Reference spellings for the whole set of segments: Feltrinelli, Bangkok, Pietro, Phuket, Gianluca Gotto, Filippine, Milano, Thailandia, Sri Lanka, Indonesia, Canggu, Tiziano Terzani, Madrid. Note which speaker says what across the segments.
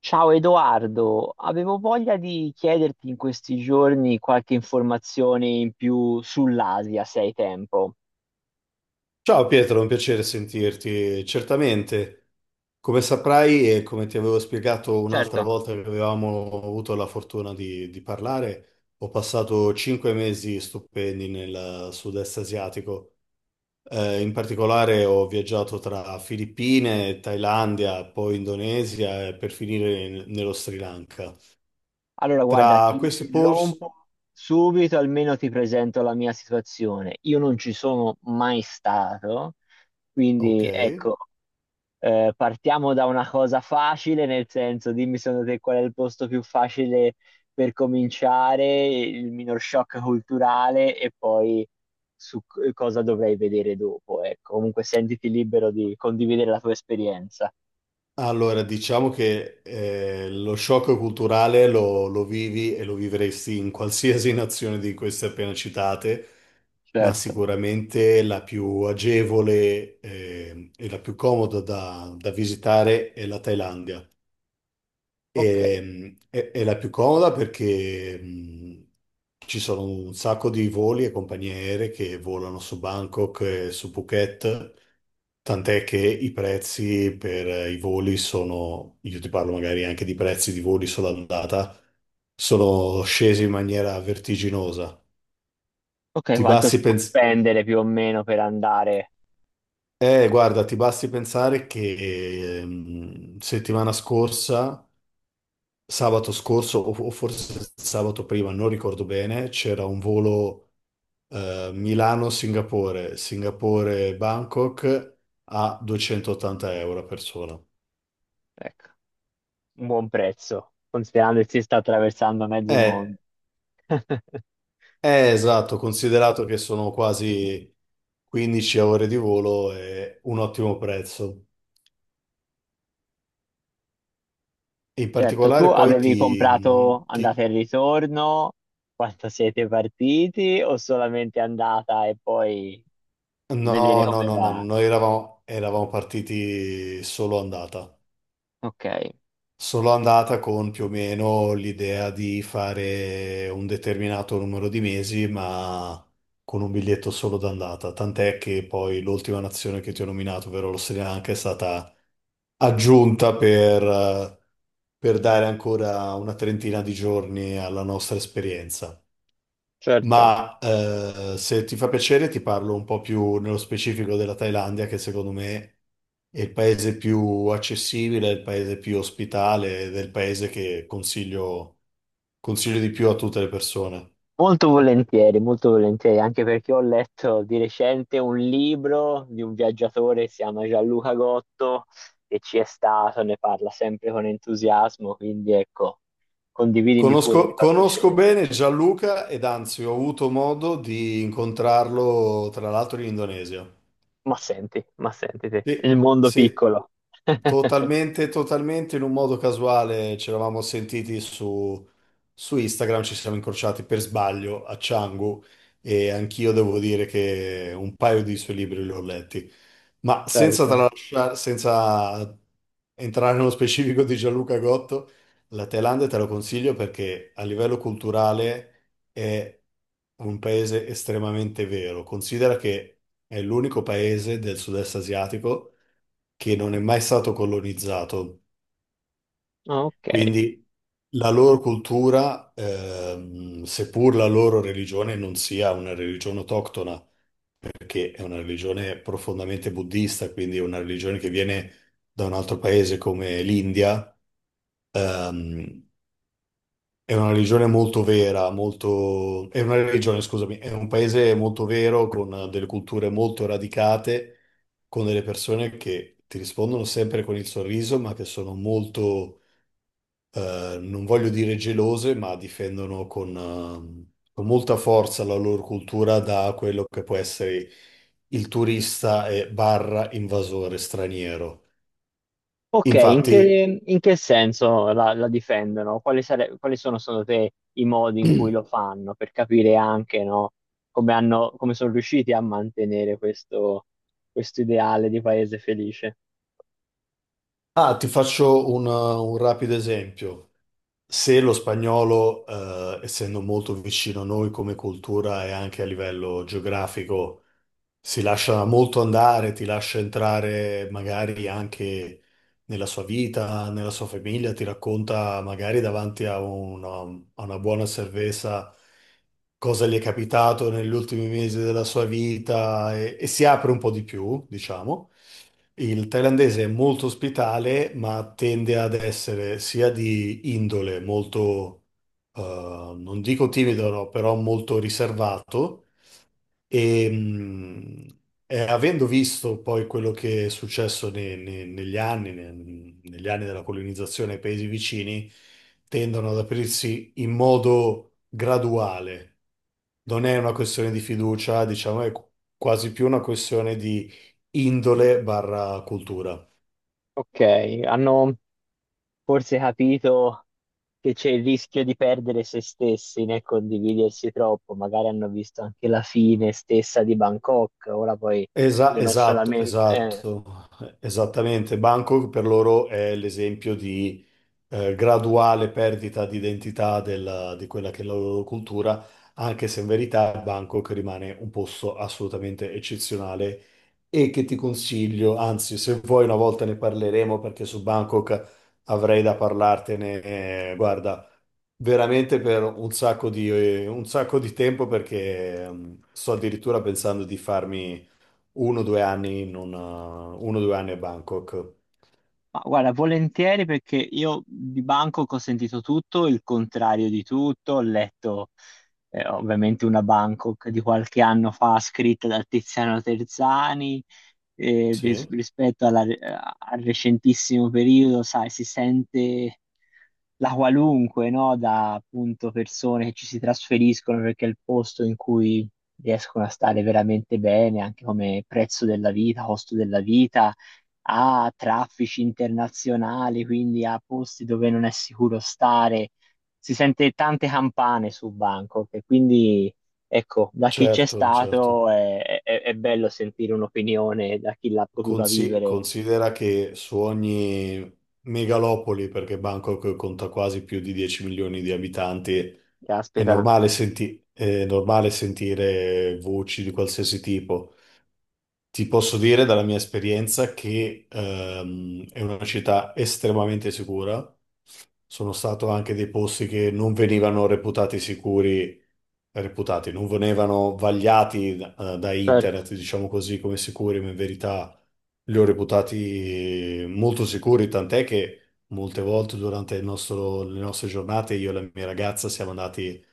Speaker 1: Ciao Edoardo, avevo voglia di chiederti in questi giorni qualche informazione in più sull'Asia, se hai tempo.
Speaker 2: Ciao Pietro, è un piacere sentirti. Certamente, come saprai e come ti avevo spiegato
Speaker 1: Certo.
Speaker 2: un'altra volta che avevamo avuto la fortuna di parlare, ho passato 5 mesi stupendi nel sud-est asiatico. In particolare ho viaggiato tra Filippine, Thailandia, poi Indonesia e per finire nello Sri Lanka.
Speaker 1: Allora, guarda, ti
Speaker 2: Tra questi posti.
Speaker 1: interrompo subito, almeno ti presento la mia situazione. Io non ci sono mai stato,
Speaker 2: Ok.
Speaker 1: quindi ecco. Partiamo da una cosa facile, nel senso, dimmi secondo te qual è il posto più facile per cominciare, il minor shock culturale e poi su cosa dovrei vedere dopo. Ecco, comunque sentiti libero di condividere la tua esperienza.
Speaker 2: Allora, diciamo che lo shock culturale lo vivi e lo vivresti in qualsiasi nazione di queste appena citate, ma
Speaker 1: Certo,
Speaker 2: sicuramente la più agevole e la più comoda da visitare è la Thailandia.
Speaker 1: ok.
Speaker 2: È la più comoda perché ci sono un sacco di voli e compagnie aeree che volano su Bangkok e su Phuket, tant'è che i prezzi per i voli sono, io ti parlo magari anche di prezzi di voli solo andata, sono scesi in maniera vertiginosa.
Speaker 1: Ok,
Speaker 2: Ti
Speaker 1: quanto si
Speaker 2: basti
Speaker 1: può
Speaker 2: pens-
Speaker 1: spendere più o meno per andare?
Speaker 2: Guarda, ti basti pensare che settimana scorsa, sabato scorso o forse sabato prima, non ricordo bene, c'era un volo Milano-Singapore, Singapore-Bangkok a 280 € a persona.
Speaker 1: Ecco, un buon prezzo, considerando che si sta attraversando mezzo mondo.
Speaker 2: È, è esatto, considerato che sono quasi 15 ore di volo, è un ottimo prezzo. In
Speaker 1: Certo, tu
Speaker 2: particolare poi.
Speaker 1: avevi comprato andata e ritorno quando siete partiti o solamente andata e poi vedere
Speaker 2: No, no,
Speaker 1: come
Speaker 2: no, no,
Speaker 1: va?
Speaker 2: noi eravamo partiti solo andata.
Speaker 1: Ok.
Speaker 2: Sono andata con più o meno l'idea di fare un determinato numero di mesi, ma con un biglietto solo d'andata. Tant'è che poi l'ultima nazione che ti ho nominato, ovvero lo Sri Lanka, è stata aggiunta per dare ancora una trentina di giorni alla nostra esperienza.
Speaker 1: Certo.
Speaker 2: Ma se ti fa piacere, ti parlo un po' più nello specifico della Thailandia, che secondo me è il paese più accessibile, è il paese più ospitale ed è il paese che consiglio di più a tutte le persone.
Speaker 1: Molto volentieri, anche perché ho letto di recente un libro di un viaggiatore che si chiama Gianluca Gotto e ci è stato, ne parla sempre con entusiasmo, quindi ecco, condividimi pure, mi
Speaker 2: Conosco,
Speaker 1: fa
Speaker 2: conosco
Speaker 1: piacere.
Speaker 2: bene Gianluca ed anzi ho avuto modo di incontrarlo tra l'altro in Indonesia.
Speaker 1: Ma senti te,
Speaker 2: Sì,
Speaker 1: il mondo
Speaker 2: sì,
Speaker 1: piccolo.
Speaker 2: totalmente, totalmente in un modo casuale ci eravamo sentiti su Instagram, ci siamo incrociati per sbaglio a Canggu e anch'io devo dire che un paio di suoi libri li ho letti, ma senza
Speaker 1: Certo.
Speaker 2: tralasciare, senza entrare nello specifico di Gianluca Gotto, la Thailandia te lo consiglio perché a livello culturale è un paese estremamente vero. Considera che è l'unico paese del sud-est asiatico che non è mai stato colonizzato,
Speaker 1: Ah, ok.
Speaker 2: quindi la loro cultura, seppur la loro religione non sia una religione autoctona, perché è una religione profondamente buddista, quindi è una religione che viene da un altro paese come l'India. ehm, È una religione molto vera, molto, è una religione, scusami, è un paese molto vero, con delle culture molto radicate, con delle persone che ti rispondono sempre con il sorriso, ma che sono molto, non voglio dire gelose, ma difendono con molta forza la loro cultura da quello che può essere il turista e barra invasore straniero.
Speaker 1: Ok,
Speaker 2: Infatti,
Speaker 1: in che senso la difendono? Quali, quali sono secondo te i modi in cui lo fanno per capire anche, no, come hanno, come sono riusciti a mantenere questo, questo ideale di paese felice?
Speaker 2: ah, ti faccio un rapido esempio. Se lo spagnolo, essendo molto vicino a noi come cultura e anche a livello geografico, si lascia molto andare, ti lascia entrare magari anche nella sua vita, nella sua famiglia, ti racconta magari davanti a una buona cerveza cosa gli è capitato negli ultimi mesi della sua vita e si apre un po' di più, diciamo. Il thailandese è molto ospitale, ma tende ad essere sia di indole molto, eh, non dico timido, no, però molto riservato e, avendo visto poi quello che è successo negli anni, negli anni della colonizzazione ai paesi vicini, tendono ad aprirsi in modo graduale. Non è una questione di fiducia, diciamo, è quasi più una questione di indole barra cultura.
Speaker 1: Ok, hanno forse capito che c'è il rischio di perdere se stessi nel condividersi troppo, magari hanno visto anche la fine stessa di Bangkok, ora poi dicono
Speaker 2: Esatto,
Speaker 1: solamente... eh.
Speaker 2: esatto, esattamente. Bangkok per loro è l'esempio di graduale perdita di identità di quella che è la loro cultura, anche se in verità Bangkok rimane un posto assolutamente eccezionale e che ti consiglio, anzi, se vuoi una volta ne parleremo perché su Bangkok avrei da parlartene, guarda, veramente per un sacco un sacco di tempo perché sto addirittura pensando di farmi uno o due anni in un, eh, 1 o 2 anni a Bangkok.
Speaker 1: Ma guarda, volentieri perché io di Bangkok ho sentito tutto, il contrario di tutto, ho letto ovviamente una Bangkok di qualche anno fa scritta da Tiziano Terzani,
Speaker 2: Sì,
Speaker 1: rispetto al recentissimo periodo, sai, si sente la qualunque, no? Da appunto persone che ci si trasferiscono perché è il posto in cui riescono a stare veramente bene, anche come prezzo della vita, costo della vita a traffici internazionali, quindi a posti dove non è sicuro stare. Si sente tante campane su Bangkok e quindi, ecco, da chi c'è
Speaker 2: certo, certo.
Speaker 1: stato è bello sentire un'opinione da chi l'ha potuta vivere.
Speaker 2: Considera che su ogni megalopoli, perché Bangkok conta quasi più di 10 milioni di abitanti, è
Speaker 1: Caspita,
Speaker 2: normale, senti- è normale sentire voci di qualsiasi tipo. Ti posso dire dalla mia esperienza che è una città estremamente sicura. Sono stato anche dei posti che non venivano reputati sicuri reputati, non venivano vagliati da
Speaker 1: certo,
Speaker 2: internet, diciamo così, come sicuri, ma in verità li ho reputati molto sicuri, tant'è che molte volte durante le nostre giornate io e la mia ragazza siamo andati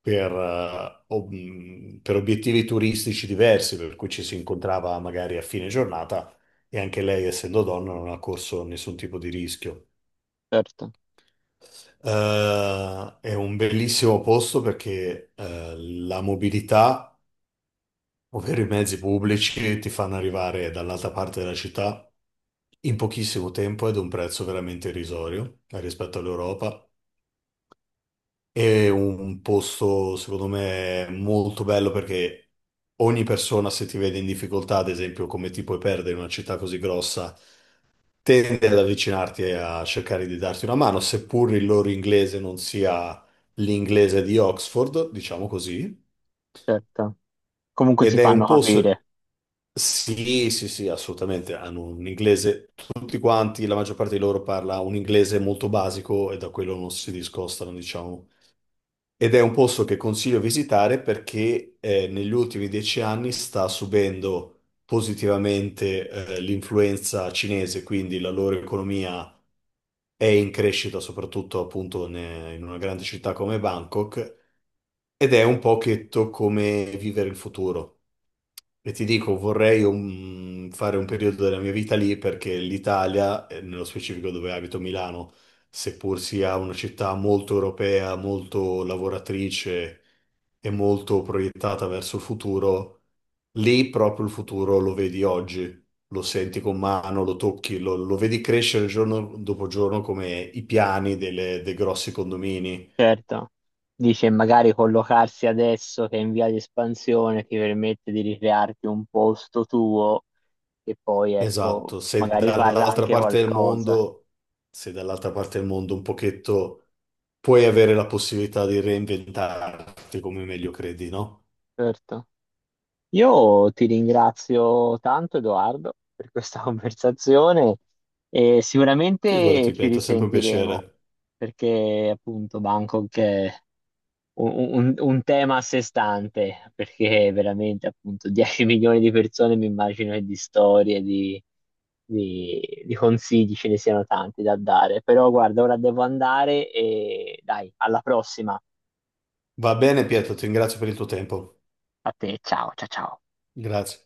Speaker 2: per obiettivi turistici diversi, per cui ci si incontrava magari a fine giornata e anche lei, essendo donna, non ha corso nessun tipo di rischio.
Speaker 1: certo,
Speaker 2: È un bellissimo posto perché la mobilità, ovvero i mezzi pubblici, ti fanno arrivare dall'altra parte della città in pochissimo tempo ed a un prezzo veramente irrisorio rispetto all'Europa. È un posto, secondo me, molto bello perché ogni persona, se ti vede in difficoltà, ad esempio, come ti puoi perdere in una città così grossa, tende ad avvicinarti e a cercare di darti una mano, seppur il loro inglese non sia l'inglese di Oxford, diciamo così.
Speaker 1: certo. Comunque si
Speaker 2: Ed è un
Speaker 1: fanno
Speaker 2: posto.
Speaker 1: capire,
Speaker 2: Sì, sì, sì, assolutamente. Hanno un inglese, tutti quanti, la maggior parte di loro parla un inglese molto basico e da quello non si discostano, diciamo. Ed è un posto che consiglio visitare perché negli ultimi 10 anni sta subendo positivamente l'influenza cinese, quindi la loro economia è in crescita, soprattutto appunto in una grande città come Bangkok, ed è un pochetto come vivere il futuro. E ti dico, vorrei fare un periodo della mia vita lì perché l'Italia, nello specifico dove abito Milano, seppur sia una città molto europea, molto lavoratrice e molto proiettata verso il futuro, lì proprio il futuro lo vedi oggi, lo senti con mano, lo tocchi, lo vedi crescere giorno dopo giorno come i piani dei grossi condomini.
Speaker 1: certo. Dice magari collocarsi adesso che è in via di espansione ti permette di ricrearti un posto tuo e poi ecco,
Speaker 2: Esatto, se
Speaker 1: magari varrà
Speaker 2: dall'altra
Speaker 1: anche
Speaker 2: parte del
Speaker 1: qualcosa.
Speaker 2: mondo, se dall'altra parte del mondo un pochetto puoi avere la possibilità di reinventarti come meglio credi, no?
Speaker 1: Certo. Io ti ringrazio tanto, Edoardo, per questa conversazione e sicuramente
Speaker 2: Figurati,
Speaker 1: ci
Speaker 2: Pietro, è sempre un
Speaker 1: risentiremo
Speaker 2: piacere.
Speaker 1: perché appunto Bangkok è un, un tema a sé stante, perché veramente appunto 10 milioni di persone mi immagino che di storie, di consigli ce ne siano tanti da dare. Però guarda, ora devo andare e dai, alla prossima.
Speaker 2: Va bene, Pietro, ti ringrazio per il tuo tempo.
Speaker 1: A te, ciao, ciao, ciao.
Speaker 2: Grazie.